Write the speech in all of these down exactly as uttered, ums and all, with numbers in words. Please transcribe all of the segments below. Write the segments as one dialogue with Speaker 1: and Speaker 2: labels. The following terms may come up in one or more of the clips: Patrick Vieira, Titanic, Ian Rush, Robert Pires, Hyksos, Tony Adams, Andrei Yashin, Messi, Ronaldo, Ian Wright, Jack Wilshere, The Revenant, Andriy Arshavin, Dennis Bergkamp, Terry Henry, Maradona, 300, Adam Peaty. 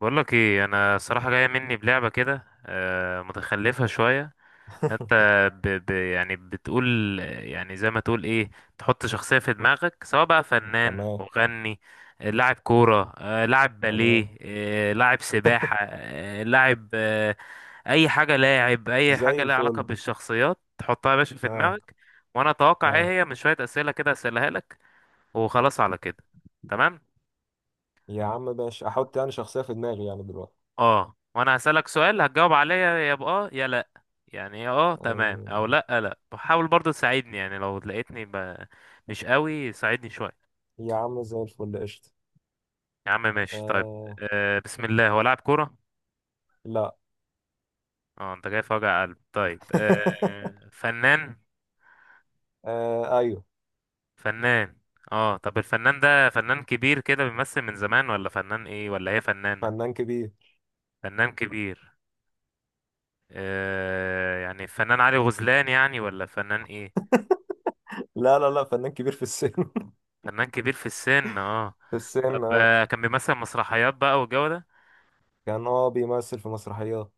Speaker 1: بقولك ايه، انا صراحة جاية مني بلعبة كده آه، متخلفة شوية. انت ب ب يعني بتقول، يعني زي ما تقول ايه، تحط شخصية في دماغك، سواء بقى فنان،
Speaker 2: تمام،
Speaker 1: مغني، آه، لاعب كورة، آه، لاعب
Speaker 2: تمام.
Speaker 1: باليه، آه، لاعب سباحة، آه، لاعب آه، اي حاجة، لاعب اي
Speaker 2: زي
Speaker 1: حاجة لها علاقة
Speaker 2: الفل.
Speaker 1: بالشخصيات، تحطها يا باشا في
Speaker 2: ها،
Speaker 1: دماغك. وانا اتوقع ايه
Speaker 2: ها.
Speaker 1: هي، من شوية اسئلة كده اسألها لك، وخلاص على كده. تمام.
Speaker 2: يا عم ماشي، احط يعني شخصية في دماغي يعني دلوقتي.
Speaker 1: اه، وانا هسألك سؤال هتجاوب عليا يا بآه يا لا، يعني يا اه تمام او
Speaker 2: آه.
Speaker 1: لا. لا، بحاول برضو تساعدني، يعني لو لقيتني ب... مش قوي، ساعدني شوية.
Speaker 2: يا عم زي الفل، قشطة.
Speaker 1: يا عم ماشي، طيب.
Speaker 2: آه،
Speaker 1: آه بسم الله، هو لاعب كورة؟
Speaker 2: لا.
Speaker 1: اه، انت جاي في وجع قلب. طيب، آه فنان؟
Speaker 2: آه، ايوه،
Speaker 1: فنان، اه. طب الفنان ده فنان كبير كده بيمثل من زمان، ولا فنان ايه، ولا هي فنانة؟
Speaker 2: فنان كبير.
Speaker 1: فنان كبير. آه يعني فنان علي غزلان يعني، ولا فنان ايه؟
Speaker 2: لا، لا، لا، فنان كبير في السن.
Speaker 1: فنان كبير في السن، اه.
Speaker 2: في السن،
Speaker 1: طب
Speaker 2: اه.
Speaker 1: آه، كان بيمثل مسرحيات بقى والجو ده؟
Speaker 2: كان هو بيمثل في مسرحيات،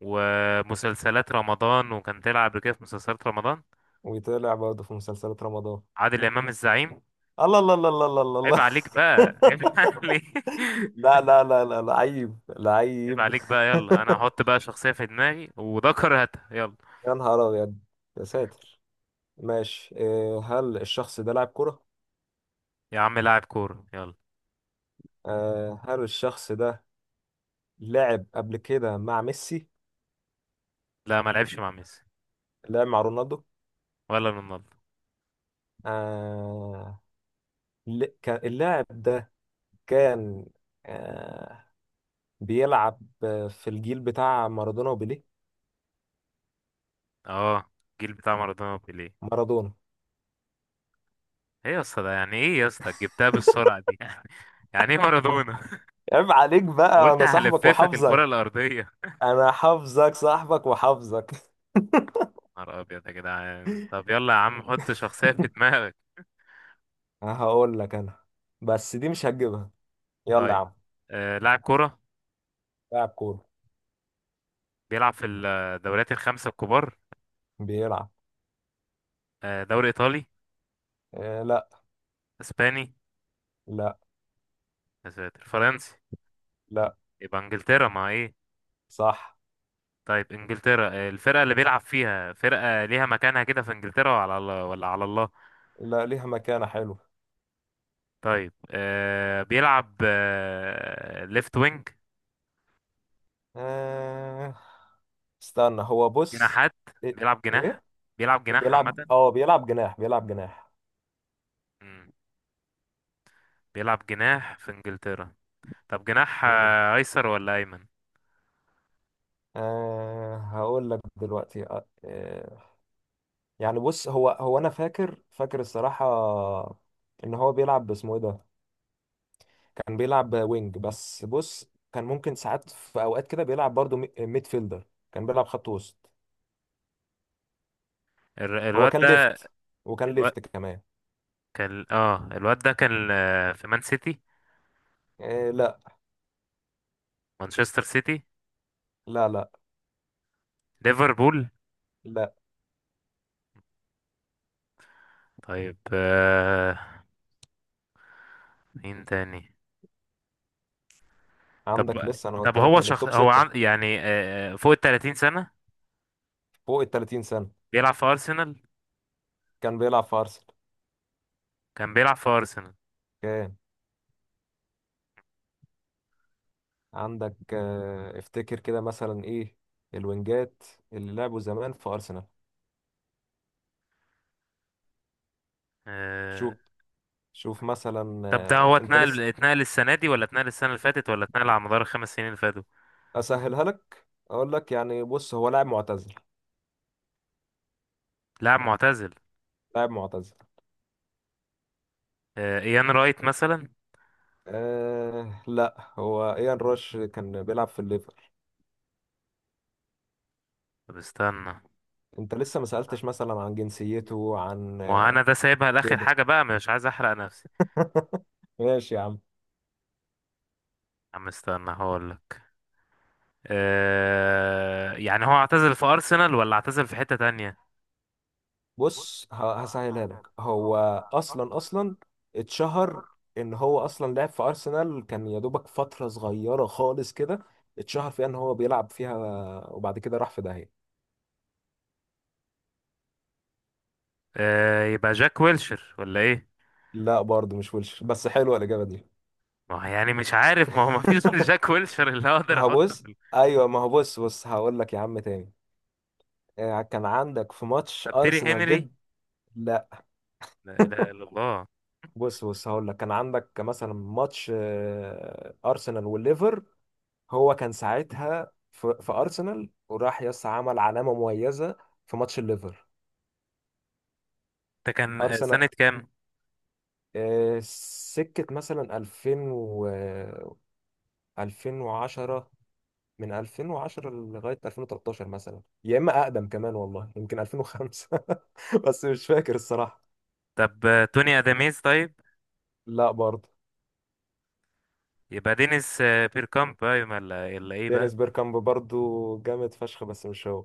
Speaker 1: ومسلسلات رمضان، وكان طلع قبل كده في مسلسلات رمضان؟
Speaker 2: ويطلع برضه في مسلسلات رمضان.
Speaker 1: عادل امام، الزعيم.
Speaker 2: الله، الله، الله، الله، الله، الله،
Speaker 1: عيب
Speaker 2: الله.
Speaker 1: عليك بقى، عيب عليك.
Speaker 2: لا، لا، لا، لا، لعيب،
Speaker 1: عيب
Speaker 2: لعيب.
Speaker 1: عليك بقى. يلا، انا هحط بقى شخصية في دماغي، وده كرهتها. يلا.
Speaker 2: يا نهار ابيض. يا ساتر. ماشي. آه، هل الشخص ده لاعب كرة؟
Speaker 1: يا عم، لاعب كورة، يلا.
Speaker 2: آه، هل الشخص ده لعب قبل كده مع ميسي؟
Speaker 1: لا، ما لعبش مع ميسي.
Speaker 2: لعب مع رونالدو؟
Speaker 1: ولا رونالدو.
Speaker 2: آه، ل- كان- اللاعب ده كان، آه، بيلعب آه، في الجيل بتاع مارادونا وبيليه؟
Speaker 1: اه، الجيل بتاع مارادونا وبيليه.
Speaker 2: مارادونا.
Speaker 1: ايه يا اسطى ده؟ يعني ايه يا اسطى جبتها بالسرعة دي؟ يعني ايه مارادونا؟
Speaker 2: عيب عليك بقى،
Speaker 1: قلت
Speaker 2: أنا صاحبك
Speaker 1: هلففك الكرة
Speaker 2: وحافظك.
Speaker 1: الأرضية.
Speaker 2: أنا حافظك، صاحبك وحافظك.
Speaker 1: نهار ابيض يا جدعان. طب يلا يا عم، حط شخصية في دماغك.
Speaker 2: هقول لك أنا، بس دي مش هتجيبها. يلا يا
Speaker 1: طيب.
Speaker 2: عم.
Speaker 1: آه لاعب كرة؟
Speaker 2: لاعب كورة.
Speaker 1: بيلعب في الدوريات الخمسة الكبار.
Speaker 2: بيلعب.
Speaker 1: آه دوري إيطالي؟
Speaker 2: آه، لا.
Speaker 1: إسباني؟
Speaker 2: لا.
Speaker 1: يا ساتر، فرنسي؟
Speaker 2: لا.
Speaker 1: يبقى إنجلترا ما إيه.
Speaker 2: صح.
Speaker 1: طيب إنجلترا. آه الفرقة اللي بيلعب فيها، فرقة ليها مكانها كده في إنجلترا، وعلى الله ولا على الله؟
Speaker 2: لا، ليها مكانة حلوة.
Speaker 1: طيب. آه بيلعب آه ليفت وينج؟
Speaker 2: آه... استنى، هو بص.
Speaker 1: جناحات؟
Speaker 2: ايه.
Speaker 1: بيلعب جناح.
Speaker 2: إيه؟
Speaker 1: بيلعب جناح
Speaker 2: بيلعب
Speaker 1: عامة.
Speaker 2: اه بيلعب جناح، بيلعب جناح.
Speaker 1: مم، بيلعب جناح في إنجلترا. طب جناح
Speaker 2: مم.
Speaker 1: آه، أيسر ولا أيمن؟
Speaker 2: آه... هقول لك دلوقتي. آه... آه، يعني بص، هو هو انا فاكر، فاكر الصراحة ان هو بيلعب باسمه ايه ده. كان بيلعب وينج، بس بص كان ممكن ساعات في اوقات كده بيلعب برضو مي- ميد فيلدر. كان بيلعب خط وسط.
Speaker 1: الر-
Speaker 2: هو
Speaker 1: الواد
Speaker 2: كان
Speaker 1: ده.
Speaker 2: ليفت، وكان
Speaker 1: الواد
Speaker 2: ليفت كمان.
Speaker 1: كان اه الواد ده كان آه، في مان سيتي؟
Speaker 2: آه. لا.
Speaker 1: مانشستر سيتي؟
Speaker 2: لا، لا.
Speaker 1: ليفربول؟
Speaker 2: لا.
Speaker 1: طيب. آه مين تاني؟ طب
Speaker 2: عندك لسه، انا
Speaker 1: طب
Speaker 2: قلت لك
Speaker 1: هو
Speaker 2: من
Speaker 1: شخص،
Speaker 2: التوب
Speaker 1: هو
Speaker 2: ستة.
Speaker 1: عن... يعني آه آه، فوق ال ثلاثين سنة؟
Speaker 2: فوق ال 30 سنة
Speaker 1: بيلعب في أرسنال؟
Speaker 2: كان بيلعب في أرسنال.
Speaker 1: كان بيلعب في أرسنال.
Speaker 2: كان. عندك، آه، افتكر كده مثلا ايه، الوينجات اللي لعبوا زمان في أرسنال.
Speaker 1: آه
Speaker 2: شوف. شوف مثلا،
Speaker 1: طب، ده
Speaker 2: آه،
Speaker 1: هو
Speaker 2: انت
Speaker 1: اتنقل،
Speaker 2: لسه.
Speaker 1: اتنقل السنة دي ولا اتنقل السنة اللي فاتت، ولا اتنقل على مدار الخمس سنين اللي فاتوا؟
Speaker 2: اسهلها لك، اقول لك يعني بص، هو لاعب معتزل.
Speaker 1: لاعب معتزل.
Speaker 2: لاعب معتزل.
Speaker 1: آه إيان رايت مثلا؟
Speaker 2: أه لا، هو ايان روش كان بيلعب في الليفر.
Speaker 1: طب استنى.
Speaker 2: انت لسه ما سألتش مثلا عن جنسيته، عن
Speaker 1: ما هو
Speaker 2: آه،
Speaker 1: انا ده سايبها لاخر
Speaker 2: كده.
Speaker 1: حاجه بقى، مش عايز احرق نفسي.
Speaker 2: ماشي يا عم.
Speaker 1: يا عم استنى، هقول لك. أه... يعني هو اعتزل في ارسنال ولا اعتزل في حته تانية؟
Speaker 2: بص، ه- هسهلها لك. هو اصلا، اصلا اتشهر ان هو اصلا لعب في ارسنال، كان يا دوبك فتره صغيره خالص كده. اتشهر فيها ان هو بيلعب فيها، وبعد كده راح في داهيه.
Speaker 1: آه يبقى جاك ويلشر ولا ايه؟
Speaker 2: لا برضه مش ويلش، بس حلوه الاجابه دي.
Speaker 1: ما هو يعني مش عارف، ما هو ما فيش غير جاك ويلشر اللي
Speaker 2: ما
Speaker 1: اقدر
Speaker 2: هو
Speaker 1: احطه
Speaker 2: بص.
Speaker 1: في ال-
Speaker 2: ايوه، ما هو بص، بص هقول لك يا عم تاني. آه، كان عندك في ماتش
Speaker 1: طب تيري
Speaker 2: ارسنال
Speaker 1: هنري؟
Speaker 2: ضد. لا.
Speaker 1: لا اله الا الله.
Speaker 2: بص، بص هقول لك، كان عندك مثلا ماتش، آه، ارسنال والليفر. هو كان ساعتها في, في ارسنال، وراح يس عمل علامه مميزه في ماتش الليفر.
Speaker 1: ده كان آه،
Speaker 2: ارسنال.
Speaker 1: سنة كام؟
Speaker 2: آه، سكه مثلا ألفين و ألفين وعشرة. من ألفين وعشرة لغايه ألفين وتلتاشر مثلا، يا اما اقدم كمان والله يمكن ألفين وخمسة. بس مش فاكر الصراحه.
Speaker 1: طب آه، توني اداميز طيب؟
Speaker 2: لا برضه.
Speaker 1: يبقى دينيس آه، بيركامب بقى، ولا ولا ايه بقى؟
Speaker 2: دينيس بيركامب برضه جامد فشخ، بس مش هو.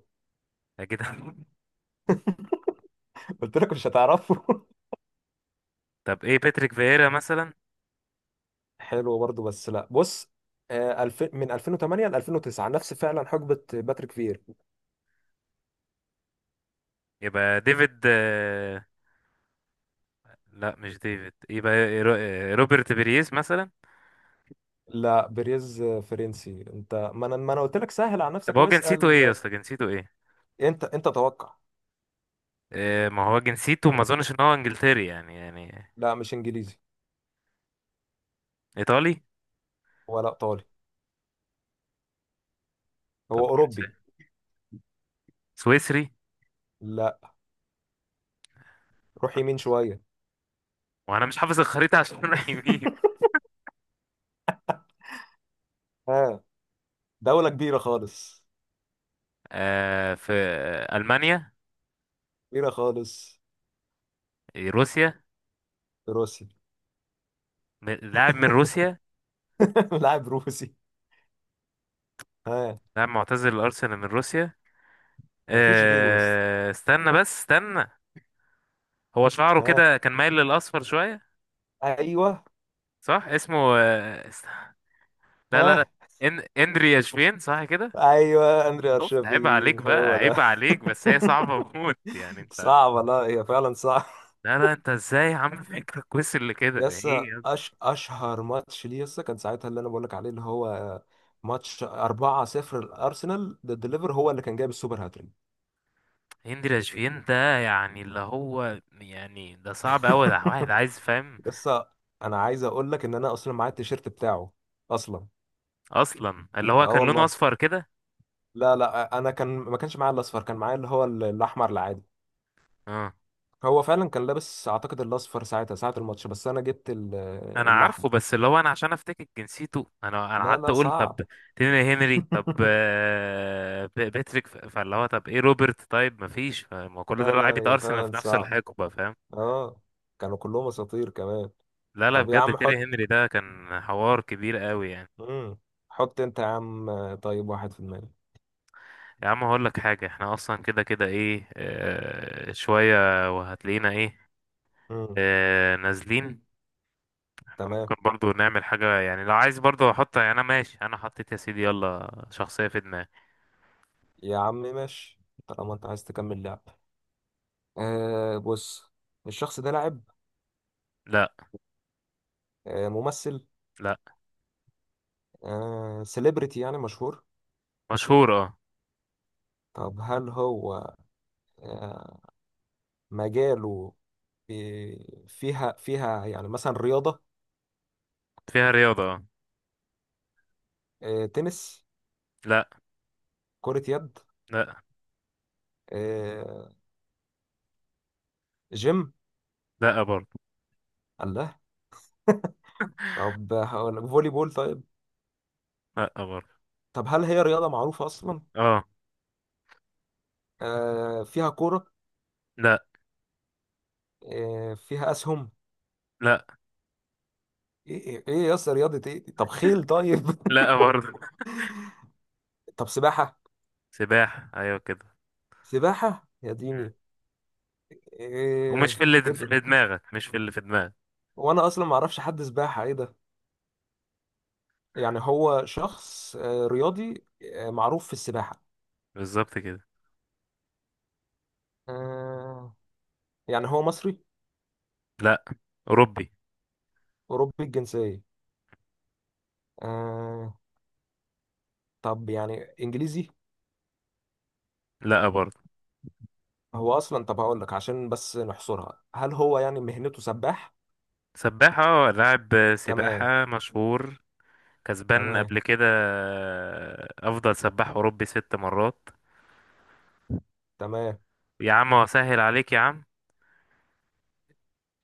Speaker 1: اكيد.
Speaker 2: قلت لك مش هتعرفه.
Speaker 1: طب ايه، باتريك فييرا مثلا؟
Speaker 2: حلو برضه، بس لا، بص. آه، ألفين، من ألفين وثمانية ل ألفين وتسعة، نفس فعلا حقبه باتريك فيرا.
Speaker 1: يبقى ديفيد آه، لا مش ديفيد، يبقى رو- آه، روبرت بيريز مثلا؟
Speaker 2: لا، بريز فرنسي. انت، ما انا ما انا قلت لك سهل على
Speaker 1: طب
Speaker 2: نفسك
Speaker 1: هو جنسيته ايه يا
Speaker 2: واسال.
Speaker 1: اسطى، جنسيته ايه؟
Speaker 2: انت انت توقع.
Speaker 1: آه، ما هو جنسيته ما اظنش ان هو انجلتري يعني يعني.
Speaker 2: لا، مش انجليزي.
Speaker 1: ايطالي؟
Speaker 2: ولا ايطالي.
Speaker 1: طب
Speaker 2: هو اوروبي.
Speaker 1: سويسري؟
Speaker 2: لا. روح يمين شويه.
Speaker 1: وانا مش حافظ الخريطة عشان رايح يمين.
Speaker 2: ها. دوله كبيره خالص.
Speaker 1: آه في ألمانيا؟
Speaker 2: كبيره خالص.
Speaker 1: روسيا؟
Speaker 2: روسي.
Speaker 1: م- لاعب من روسيا؟
Speaker 2: لاعب روسي. ها.
Speaker 1: لاعب معتزل الأرسنال من روسيا.
Speaker 2: ما فيش غيره بس.
Speaker 1: آه استنى بس استنى. هو شعره
Speaker 2: ها.
Speaker 1: كده كان مايل للأصفر شوية؟
Speaker 2: ايوه.
Speaker 1: صح، اسمه آه است... لا، لا، لا.
Speaker 2: ها.
Speaker 1: إن... اندري ياشفين، صح كده؟
Speaker 2: ايوه، اندري
Speaker 1: عيب عليك
Speaker 2: ارشافين،
Speaker 1: بقى،
Speaker 2: هو
Speaker 1: عيب
Speaker 2: ده.
Speaker 1: عليك. بس هي صعبة موت يعني انت.
Speaker 2: صعبه. لا، هي فعلا صعبه.
Speaker 1: لا، لا، انت ازاي عامل فكرك وصل لكده
Speaker 2: يسا،
Speaker 1: ايه؟
Speaker 2: أش... اشهر ماتش ليه، يسا كان ساعتها، اللي انا بقول لك عليه، اللي هو ماتش أربعة صفر الارسنال ضد ليفر، هو اللي كان جايب السوبر هاتريك.
Speaker 1: هند رشفين ده يعني، اللي هو يعني، ده صعب قوي، ده واحد عايز فاهم.
Speaker 2: لسه. انا عايز اقول لك ان انا اصلا معايا التيشيرت بتاعه اصلا.
Speaker 1: اصلا اللي هو
Speaker 2: اه
Speaker 1: كان لونه
Speaker 2: والله.
Speaker 1: اصفر كده؟
Speaker 2: لا، لا، انا كان ما كانش معايا الاصفر، كان معايا اللي هو ال- الاحمر العادي.
Speaker 1: اه،
Speaker 2: هو فعلا كان لابس اعتقد الاصفر ساعتها ساعه الماتش، بس انا جبت ال-
Speaker 1: انا عارفه،
Speaker 2: الاحمر.
Speaker 1: بس اللي هو انا عشان افتكر جنسيته، انا انا
Speaker 2: لا،
Speaker 1: قعدت
Speaker 2: لا،
Speaker 1: اقول طب
Speaker 2: صعب.
Speaker 1: تيني هنري، طب آه، ب- باتريك ف- فاللي هو، طب ايه روبرت، طيب مفيش، ما كل ده
Speaker 2: لا،
Speaker 1: لعيبه
Speaker 2: لا، يا
Speaker 1: ارسنال
Speaker 2: فعلا
Speaker 1: في نفس
Speaker 2: صعب.
Speaker 1: الحقبه، فاهم؟
Speaker 2: اه. كانوا كلهم اساطير كمان.
Speaker 1: لا، لا،
Speaker 2: طب يا
Speaker 1: بجد
Speaker 2: عم
Speaker 1: تيري
Speaker 2: حط.
Speaker 1: هنري ده كان حوار كبير قوي يعني.
Speaker 2: مم. حط انت يا عم. آه، طيب واحد في
Speaker 1: يا عم هقول لك حاجه، احنا اصلا كده كده ايه آه، شويه، وهتلاقينا ايه
Speaker 2: المية.
Speaker 1: آه، نازلين. احنا
Speaker 2: تمام.
Speaker 1: ممكن برضو نعمل حاجة، يعني لو عايز برضو احط، يعني انا ماشي، انا حطيت يا سيدي، يلا شخصية في دماغي.
Speaker 2: يا عم ماشي. طالما انت عايز تكمل لعب، آه. بص، الشخص ده لاعب.
Speaker 1: لا.
Speaker 2: آه، ممثل.
Speaker 1: لا.
Speaker 2: آه، سيلبرتي يعني مشهور.
Speaker 1: مشهورة، اه.
Speaker 2: طب هل هو، آه، مجاله، في- فيها فيها يعني مثلا رياضة؟
Speaker 1: فيها رياضة، اه.
Speaker 2: آه، تنس.
Speaker 1: لا.
Speaker 2: كرة يد.
Speaker 1: لا.
Speaker 2: آه، جيم.
Speaker 1: لا برضو.
Speaker 2: الله. طب هقول فولي بول طيب.
Speaker 1: لا برضو.
Speaker 2: طب هل هي رياضة معروفة أصلا؟
Speaker 1: اه.
Speaker 2: آه، فيها كورة.
Speaker 1: لا.
Speaker 2: آه، فيها أسهم.
Speaker 1: لا.
Speaker 2: ايه، ايه، إيه يا اسطى، رياضة ايه؟ طب خيل طيب.
Speaker 1: لا برضو.
Speaker 2: طب سباحة.
Speaker 1: سباحة، ايوه كده.
Speaker 2: سباحة يا
Speaker 1: مم.
Speaker 2: ديني.
Speaker 1: ومش
Speaker 2: ايه،
Speaker 1: في اللي
Speaker 2: ايه
Speaker 1: في
Speaker 2: ده.
Speaker 1: اللي دماغك، مش في اللي في دماغك.
Speaker 2: وانا اصلا ما اعرفش حد سباحة، ايه ده. يعني هو شخص آه، رياضي آه، معروف في السباحة.
Speaker 1: بالظبط كده.
Speaker 2: آه. يعني هو مصري.
Speaker 1: لا. اوروبي.
Speaker 2: اوروبي الجنسية. آه. طب يعني انجليزي.
Speaker 1: لا برضو.
Speaker 2: هو اصلا، طب هقول لك عشان بس نحصرها، هل هو يعني مهنته سباح؟
Speaker 1: سباحة، اه، لاعب
Speaker 2: تمام،
Speaker 1: سباحة مشهور. كسبان
Speaker 2: تمام،
Speaker 1: قبل كده آه، افضل سباح اوروبي ست مرات.
Speaker 2: تمام،
Speaker 1: يا عم، وسهل عليك يا عم،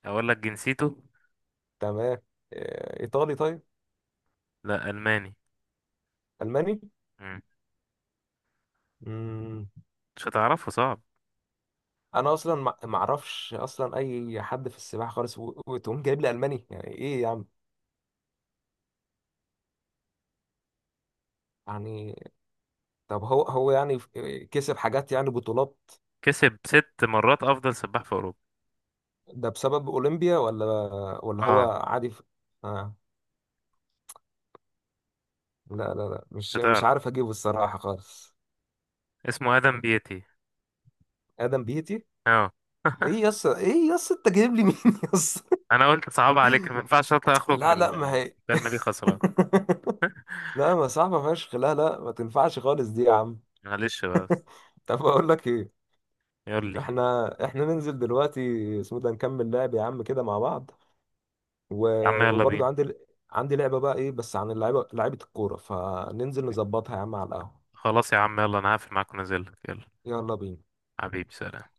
Speaker 1: اقول لك جنسيته.
Speaker 2: تمام. آه، ايطالي طيب.
Speaker 1: لا، الماني.
Speaker 2: الماني.
Speaker 1: مم.
Speaker 2: مم.
Speaker 1: مش هتعرفه، صعب.
Speaker 2: انا اصلا، ما ما اعرفش اصلا اي حد في السباحه خالص، و- وتقوم جايب لي الماني يعني ايه يا عم. يعني طب، هو هو يعني، ف- كسب حاجات يعني بطولات.
Speaker 1: كسب ست مرات افضل سباح في اوروبا.
Speaker 2: ده بسبب اولمبيا ولا، ولا هو
Speaker 1: اه،
Speaker 2: عادي ف... آه. لا، لا، لا،
Speaker 1: مش
Speaker 2: مش مش
Speaker 1: هتعرف.
Speaker 2: عارف اجيبه الصراحه خالص.
Speaker 1: اسمه ادم بيتي.
Speaker 2: ادم بيتي.
Speaker 1: اه.
Speaker 2: ايه يس، ايه يس، انت جايب لي مين؟ يس.
Speaker 1: انا قلت صعب عليك، ما ينفعش اطلع اخرج من
Speaker 2: لا، لا، ما
Speaker 1: ال-
Speaker 2: هي.
Speaker 1: الكلمه دي خسران.
Speaker 2: لا، ما صعبه فشخ، لا، لا، ما تنفعش خالص دي يا عم.
Speaker 1: معلش بس.
Speaker 2: طب اقول لك ايه.
Speaker 1: يقول لي.
Speaker 2: احنا احنا ننزل دلوقتي اسمه ده، نكمل لعب يا عم كده مع بعض. و...
Speaker 1: يا عم يلا
Speaker 2: وبرضه
Speaker 1: بينا.
Speaker 2: عندي عندي لعبة بقى ايه، بس عن اللعيبة، لعيبة الكورة، فننزل نظبطها يا عم على القهوة.
Speaker 1: خلاص يا عم، يلا انا هقفل معاك ونازل لك، يلا.
Speaker 2: يلا بينا.
Speaker 1: حبيبي، سلام.